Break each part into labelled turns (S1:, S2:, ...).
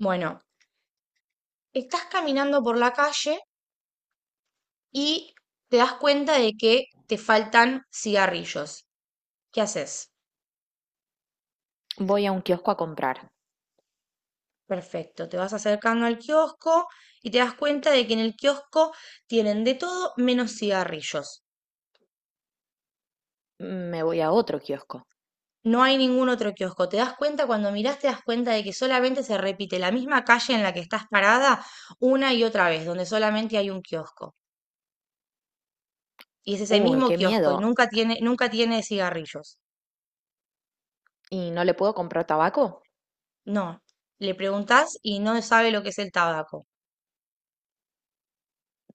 S1: Bueno, estás caminando por la calle y te das cuenta de que te faltan cigarrillos. ¿Qué haces?
S2: Voy a un kiosco a comprar.
S1: Perfecto, te vas acercando al kiosco y te das cuenta de que en el kiosco tienen de todo menos cigarrillos.
S2: Me voy a otro kiosco.
S1: No hay ningún otro kiosco. Te das cuenta, cuando mirás, te das cuenta de que solamente se repite la misma calle en la que estás parada una y otra vez, donde solamente hay un kiosco. Y es ese
S2: Uy,
S1: mismo
S2: qué
S1: kiosco y
S2: miedo.
S1: nunca tiene cigarrillos.
S2: ¿Y no le puedo comprar tabaco?
S1: No, le preguntás y no sabe lo que es el tabaco.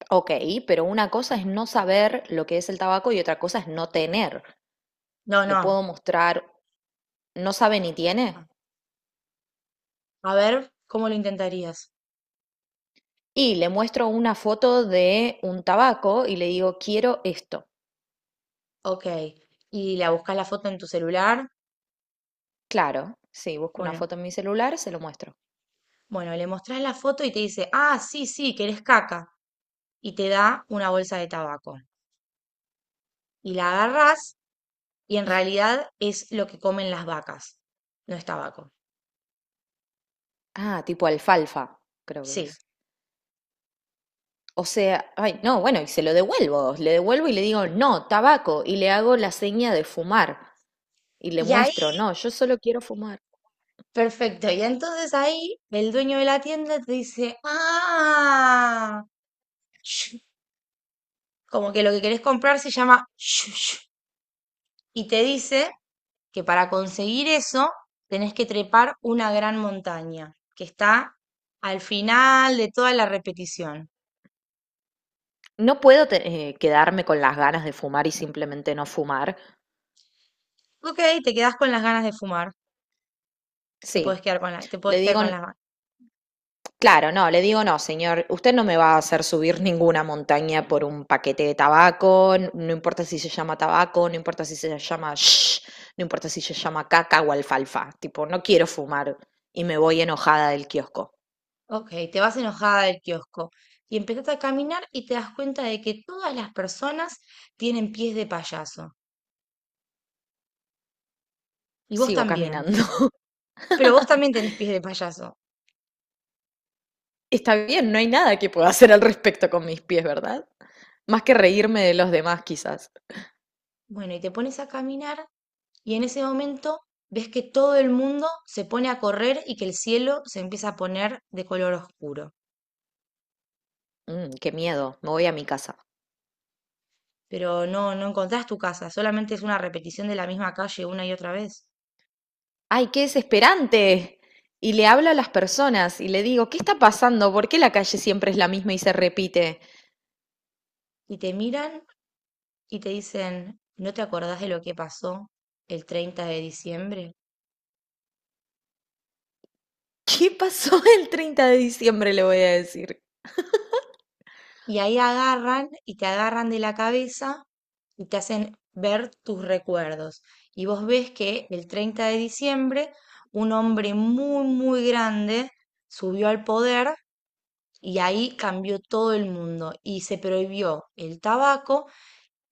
S2: Ok, pero una cosa es no saber lo que es el tabaco y otra cosa es no tener.
S1: No,
S2: Le
S1: no.
S2: puedo mostrar, no sabe ni
S1: Ah,
S2: tiene.
S1: a ver, ¿cómo lo intentarías?
S2: Y le muestro una foto de un tabaco y le digo, quiero esto.
S1: Ok. Y la buscas la foto en tu celular.
S2: Claro, sí, busco una
S1: Bueno,
S2: foto en mi celular, se lo muestro.
S1: bueno, le mostrás la foto y te dice, ah, sí, sí, querés caca. Y te da una bolsa de tabaco. Y la agarrás y en realidad es lo que comen las vacas. No es tabaco.
S2: Ah, tipo alfalfa, creo que es.
S1: Sí.
S2: O sea, ay, no, bueno, y se lo devuelvo, le devuelvo y le digo, no, tabaco, y le hago la seña de fumar. Y le
S1: Y
S2: muestro,
S1: ahí,
S2: no, yo solo quiero fumar.
S1: perfecto. Y entonces ahí el dueño de la tienda te dice, ah. Como que lo que querés comprar se llama shushu, y te dice que para conseguir eso tenés que trepar una gran montaña que está al final de toda la repetición.
S2: No puedo quedarme con las ganas de fumar y simplemente no fumar.
S1: Ok, te quedás con las ganas de fumar,
S2: Sí,
S1: te
S2: le
S1: podés quedar
S2: digo,
S1: con las ganas.
S2: claro, no, le digo, no, señor, usted no me va a hacer subir ninguna montaña por un paquete de tabaco, no importa si se llama tabaco, no importa si se llama shh, no importa si se llama caca o alfalfa, tipo, no quiero fumar y me voy enojada del kiosco.
S1: Ok, te vas enojada del kiosco y empezás a caminar y te das cuenta de que todas las personas tienen pies de payaso y vos
S2: Sigo
S1: también,
S2: caminando.
S1: pero vos también tenés pies de payaso.
S2: Está bien, no hay nada que pueda hacer al respecto con mis pies, ¿verdad? Más que reírme de los demás, quizás.
S1: Bueno, y te pones a caminar. Y en ese momento ves que todo el mundo se pone a correr y que el cielo se empieza a poner de color oscuro.
S2: Mm, qué miedo, me voy a mi casa.
S1: Pero no, no encontrás tu casa, solamente es una repetición de la misma calle una y otra vez.
S2: ¡Ay, qué desesperante! Y le hablo a las personas y le digo, ¿qué está pasando? ¿Por qué la calle siempre es la misma y se repite?
S1: Y te miran y te dicen, ¿no te acordás de lo que pasó el 30 de diciembre?
S2: ¿Qué pasó el 30 de diciembre? Le voy a decir.
S1: Y ahí agarran y te agarran de la cabeza y te hacen ver tus recuerdos. Y vos ves que el 30 de diciembre un hombre muy, muy grande subió al poder. Y ahí cambió todo el mundo y se prohibió el tabaco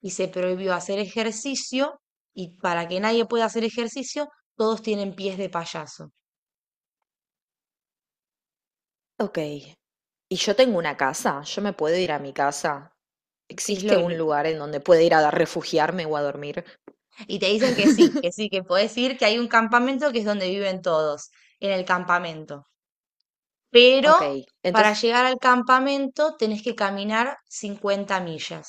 S1: y se prohibió hacer ejercicio y para que nadie pueda hacer ejercicio, todos tienen pies de payaso.
S2: Ok, y yo tengo una casa, yo me puedo ir a mi casa.
S1: Y, es
S2: ¿Existe
S1: lo-
S2: un
S1: lo-
S2: lugar en donde pueda ir a refugiarme o a dormir?
S1: y te dicen que sí, que sí, que podés ir, que hay un campamento que es donde viven todos, en el campamento.
S2: Ok,
S1: Pero para
S2: entonces.
S1: llegar al campamento tenés que caminar 50 millas.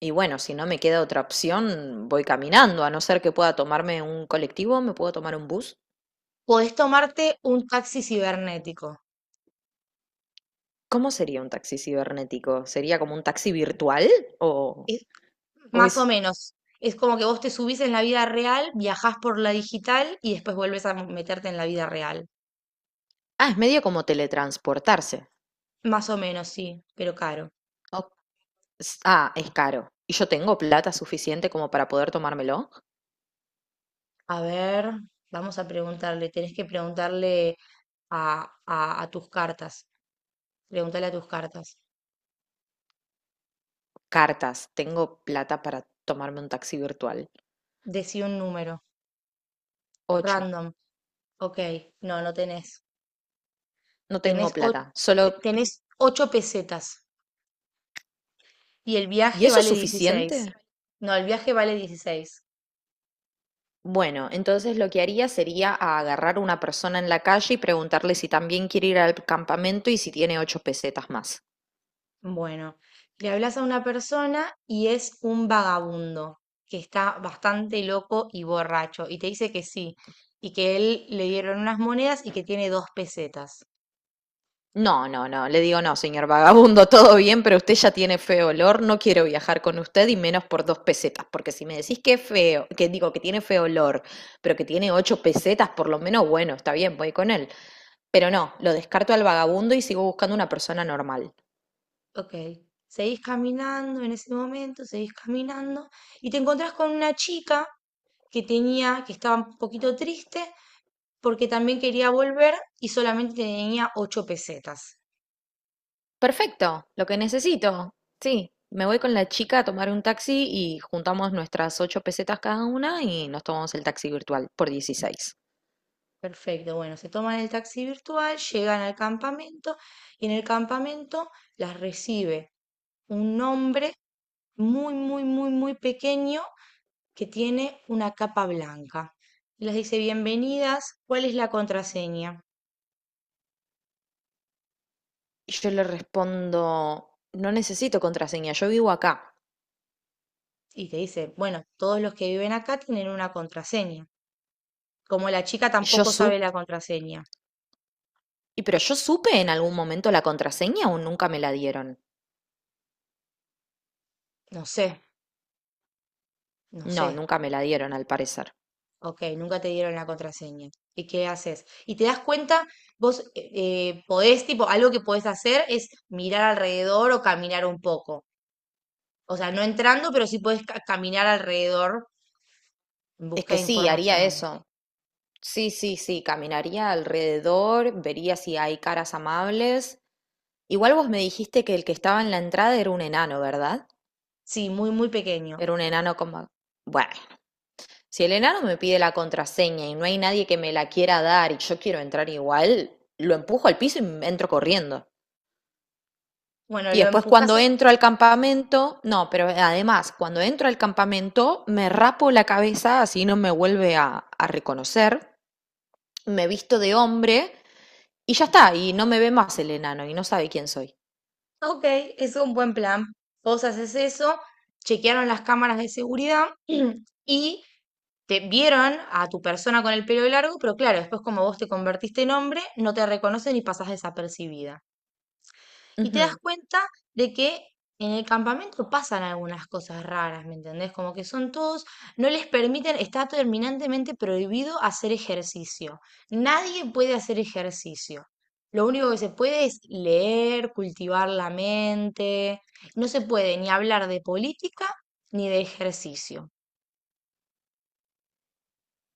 S2: Y bueno, si no me queda otra opción, voy caminando, a no ser que pueda tomarme un colectivo, me puedo tomar un bus.
S1: Podés tomarte un taxi cibernético.
S2: ¿Cómo sería un taxi cibernético? ¿Sería como un taxi virtual? ¿O, o
S1: Más o
S2: es...
S1: menos. Es como que vos te subís en la vida real, viajás por la digital y después vuelves a meterte en la vida real.
S2: Ah, es medio como teletransportarse.
S1: Más o menos, sí, pero caro.
S2: Ok. Ah, es caro. ¿Y yo tengo plata suficiente como para poder tomármelo?
S1: A ver, vamos a preguntarle. Tenés que preguntarle a tus cartas. Pregúntale a tus cartas.
S2: Cartas, tengo plata para tomarme un taxi virtual.
S1: Decí un número.
S2: Ocho,
S1: Random. Ok. No, no tenés.
S2: no
S1: Tenés,
S2: tengo
S1: o-
S2: plata. Solo...
S1: Tenés 8 pesetas. Y el
S2: ¿Y
S1: viaje
S2: eso es
S1: vale 16.
S2: suficiente?
S1: No, el viaje vale dieciséis.
S2: Bueno, entonces lo que haría sería a agarrar a una persona en la calle y preguntarle si también quiere ir al campamento y si tiene 8 pesetas más.
S1: Bueno, le hablas a una persona y es un vagabundo que está bastante loco y borracho y te dice que sí y que él le dieron unas monedas y que tiene 2 pesetas.
S2: No, no, no, le digo no, señor vagabundo, todo bien, pero usted ya tiene feo olor, no quiero viajar con usted y menos por 2 pesetas, porque si me decís que es feo, que digo que tiene feo olor, pero que tiene 8 pesetas, por lo menos, bueno, está bien, voy con él. Pero no, lo descarto al vagabundo y sigo buscando una persona normal.
S1: Ok, seguís caminando en ese momento, seguís caminando y te encontrás con una chica que tenía, que estaba un poquito triste porque también quería volver y solamente tenía 8 pesetas.
S2: Perfecto, lo que necesito. Sí, me voy con la chica a tomar un taxi y juntamos nuestras 8 pesetas cada una y nos tomamos el taxi virtual por 16.
S1: Perfecto, bueno, se toman el taxi virtual, llegan al campamento y en el campamento las recibe un hombre muy, muy, muy, muy pequeño que tiene una capa blanca. Y les dice, bienvenidas, ¿cuál es la contraseña?
S2: Y yo le respondo, no necesito contraseña, yo vivo acá.
S1: Y te dice, bueno, todos los que viven acá tienen una contraseña. Como la chica
S2: Yo
S1: tampoco sabe
S2: supe,
S1: la contraseña.
S2: y pero yo supe en algún momento la contraseña o nunca me la dieron.
S1: No sé, no
S2: No,
S1: sé.
S2: nunca me la dieron al parecer.
S1: Ok, nunca te dieron la contraseña. ¿Y qué haces? Y te das cuenta, vos podés, tipo, algo que podés hacer es mirar alrededor o caminar un poco. O sea, no entrando, pero sí podés caminar alrededor en
S2: Es
S1: busca
S2: que
S1: de
S2: sí, haría
S1: información.
S2: eso. Sí, sí, sí, caminaría alrededor, vería si hay caras amables. Igual vos me dijiste que el que estaba en la entrada era un enano, ¿verdad?
S1: Sí, muy, muy pequeño.
S2: Era un enano como... Bueno, si el enano me pide la contraseña y no hay nadie que me la quiera dar y yo quiero entrar igual, lo empujo al piso y entro corriendo.
S1: Bueno,
S2: Y
S1: lo
S2: después
S1: empujas.
S2: cuando entro al campamento, no, pero además, cuando entro al campamento, me rapo la cabeza así no me vuelve a reconocer, me visto de hombre. Y ya está, y no me ve más el enano y no sabe quién soy.
S1: Ok, es un buen plan. Vos haces eso, chequearon las cámaras de seguridad y te vieron a tu persona con el pelo largo, pero claro, después como vos te convertiste en hombre, no te reconocen y pasas desapercibida. Y te das
S2: Ujú.
S1: cuenta de que en el campamento pasan algunas cosas raras, ¿me entendés? Como que son todos, no les permiten, está terminantemente prohibido hacer ejercicio. Nadie puede hacer ejercicio. Lo único que se puede es leer, cultivar la mente. No se puede ni hablar de política ni de ejercicio.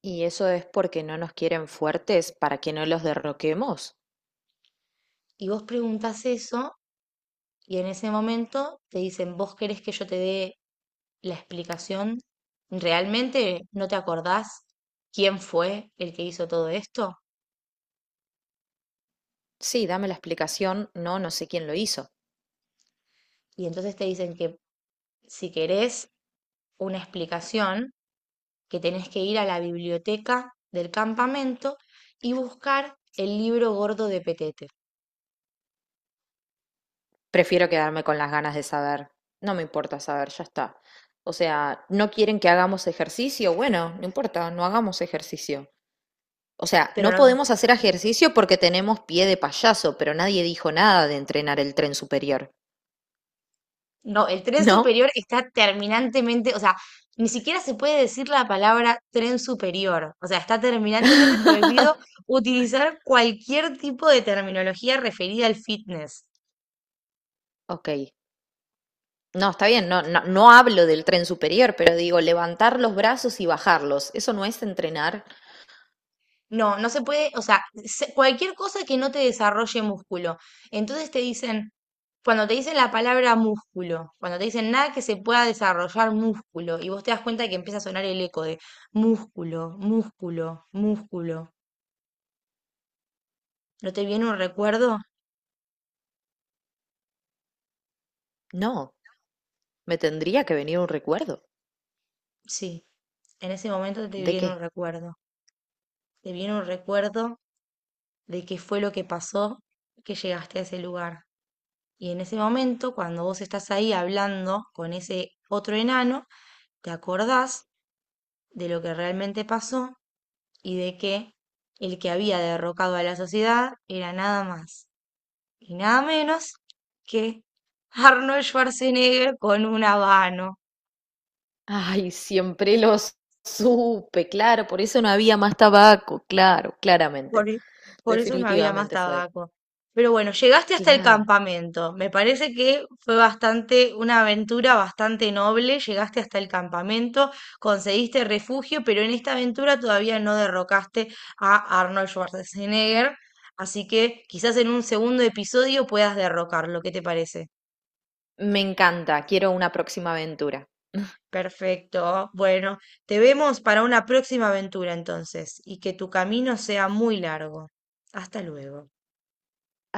S2: ¿Y eso es porque no nos quieren fuertes para que no los derroquemos?
S1: Y vos preguntás eso y en ese momento te dicen, ¿vos querés que yo te dé la explicación? ¿Realmente no te acordás quién fue el que hizo todo esto?
S2: Sí, dame la explicación. No, no sé quién lo hizo.
S1: Y entonces te dicen que si querés una explicación, que tenés que ir a la biblioteca del campamento y buscar el libro gordo de Petete.
S2: Prefiero quedarme con las ganas de saber. No me importa saber, ya está. O sea, ¿no quieren que hagamos ejercicio? Bueno, no importa, no hagamos ejercicio. O sea,
S1: Pero
S2: no
S1: no,
S2: podemos hacer ejercicio porque tenemos pie de payaso, pero nadie dijo nada de entrenar el tren superior.
S1: no, el tren
S2: ¿No?
S1: superior está terminantemente, o sea, ni siquiera se puede decir la palabra tren superior. O sea, está terminantemente prohibido utilizar cualquier tipo de terminología referida al fitness.
S2: Ok, no, está bien, no, no, no hablo del tren superior, pero digo, levantar los brazos y bajarlos, ¿eso no es entrenar?
S1: No, no se puede, o sea, cualquier cosa que no te desarrolle músculo. Entonces te dicen, cuando te dicen la palabra músculo, cuando te dicen nada que se pueda desarrollar músculo, y vos te das cuenta que empieza a sonar el eco de músculo, músculo, músculo. ¿No te viene un recuerdo?
S2: No, me tendría que venir un recuerdo.
S1: Sí, en ese momento te
S2: ¿De
S1: viene un
S2: qué?
S1: recuerdo. Te viene un recuerdo de qué fue lo que pasó que llegaste a ese lugar. Y en ese momento, cuando vos estás ahí hablando con ese otro enano, te acordás de lo que realmente pasó y de que el que había derrocado a la sociedad era nada más y nada menos que Arnold Schwarzenegger con un habano.
S2: Ay, siempre los supe, claro, por eso no había más tabaco, claro,
S1: Por,
S2: claramente,
S1: e- por eso no había más
S2: definitivamente fue.
S1: tabaco. Pero bueno, llegaste hasta el
S2: Claro,
S1: campamento. Me parece que fue bastante, una aventura bastante noble. Llegaste hasta el campamento, conseguiste refugio, pero en esta aventura todavía no derrocaste a Arnold Schwarzenegger. Así que quizás en un segundo episodio puedas derrocarlo. ¿Qué te parece?
S2: me encanta, quiero una próxima aventura.
S1: Perfecto. Bueno, te vemos para una próxima aventura entonces, y que tu camino sea muy largo. Hasta luego.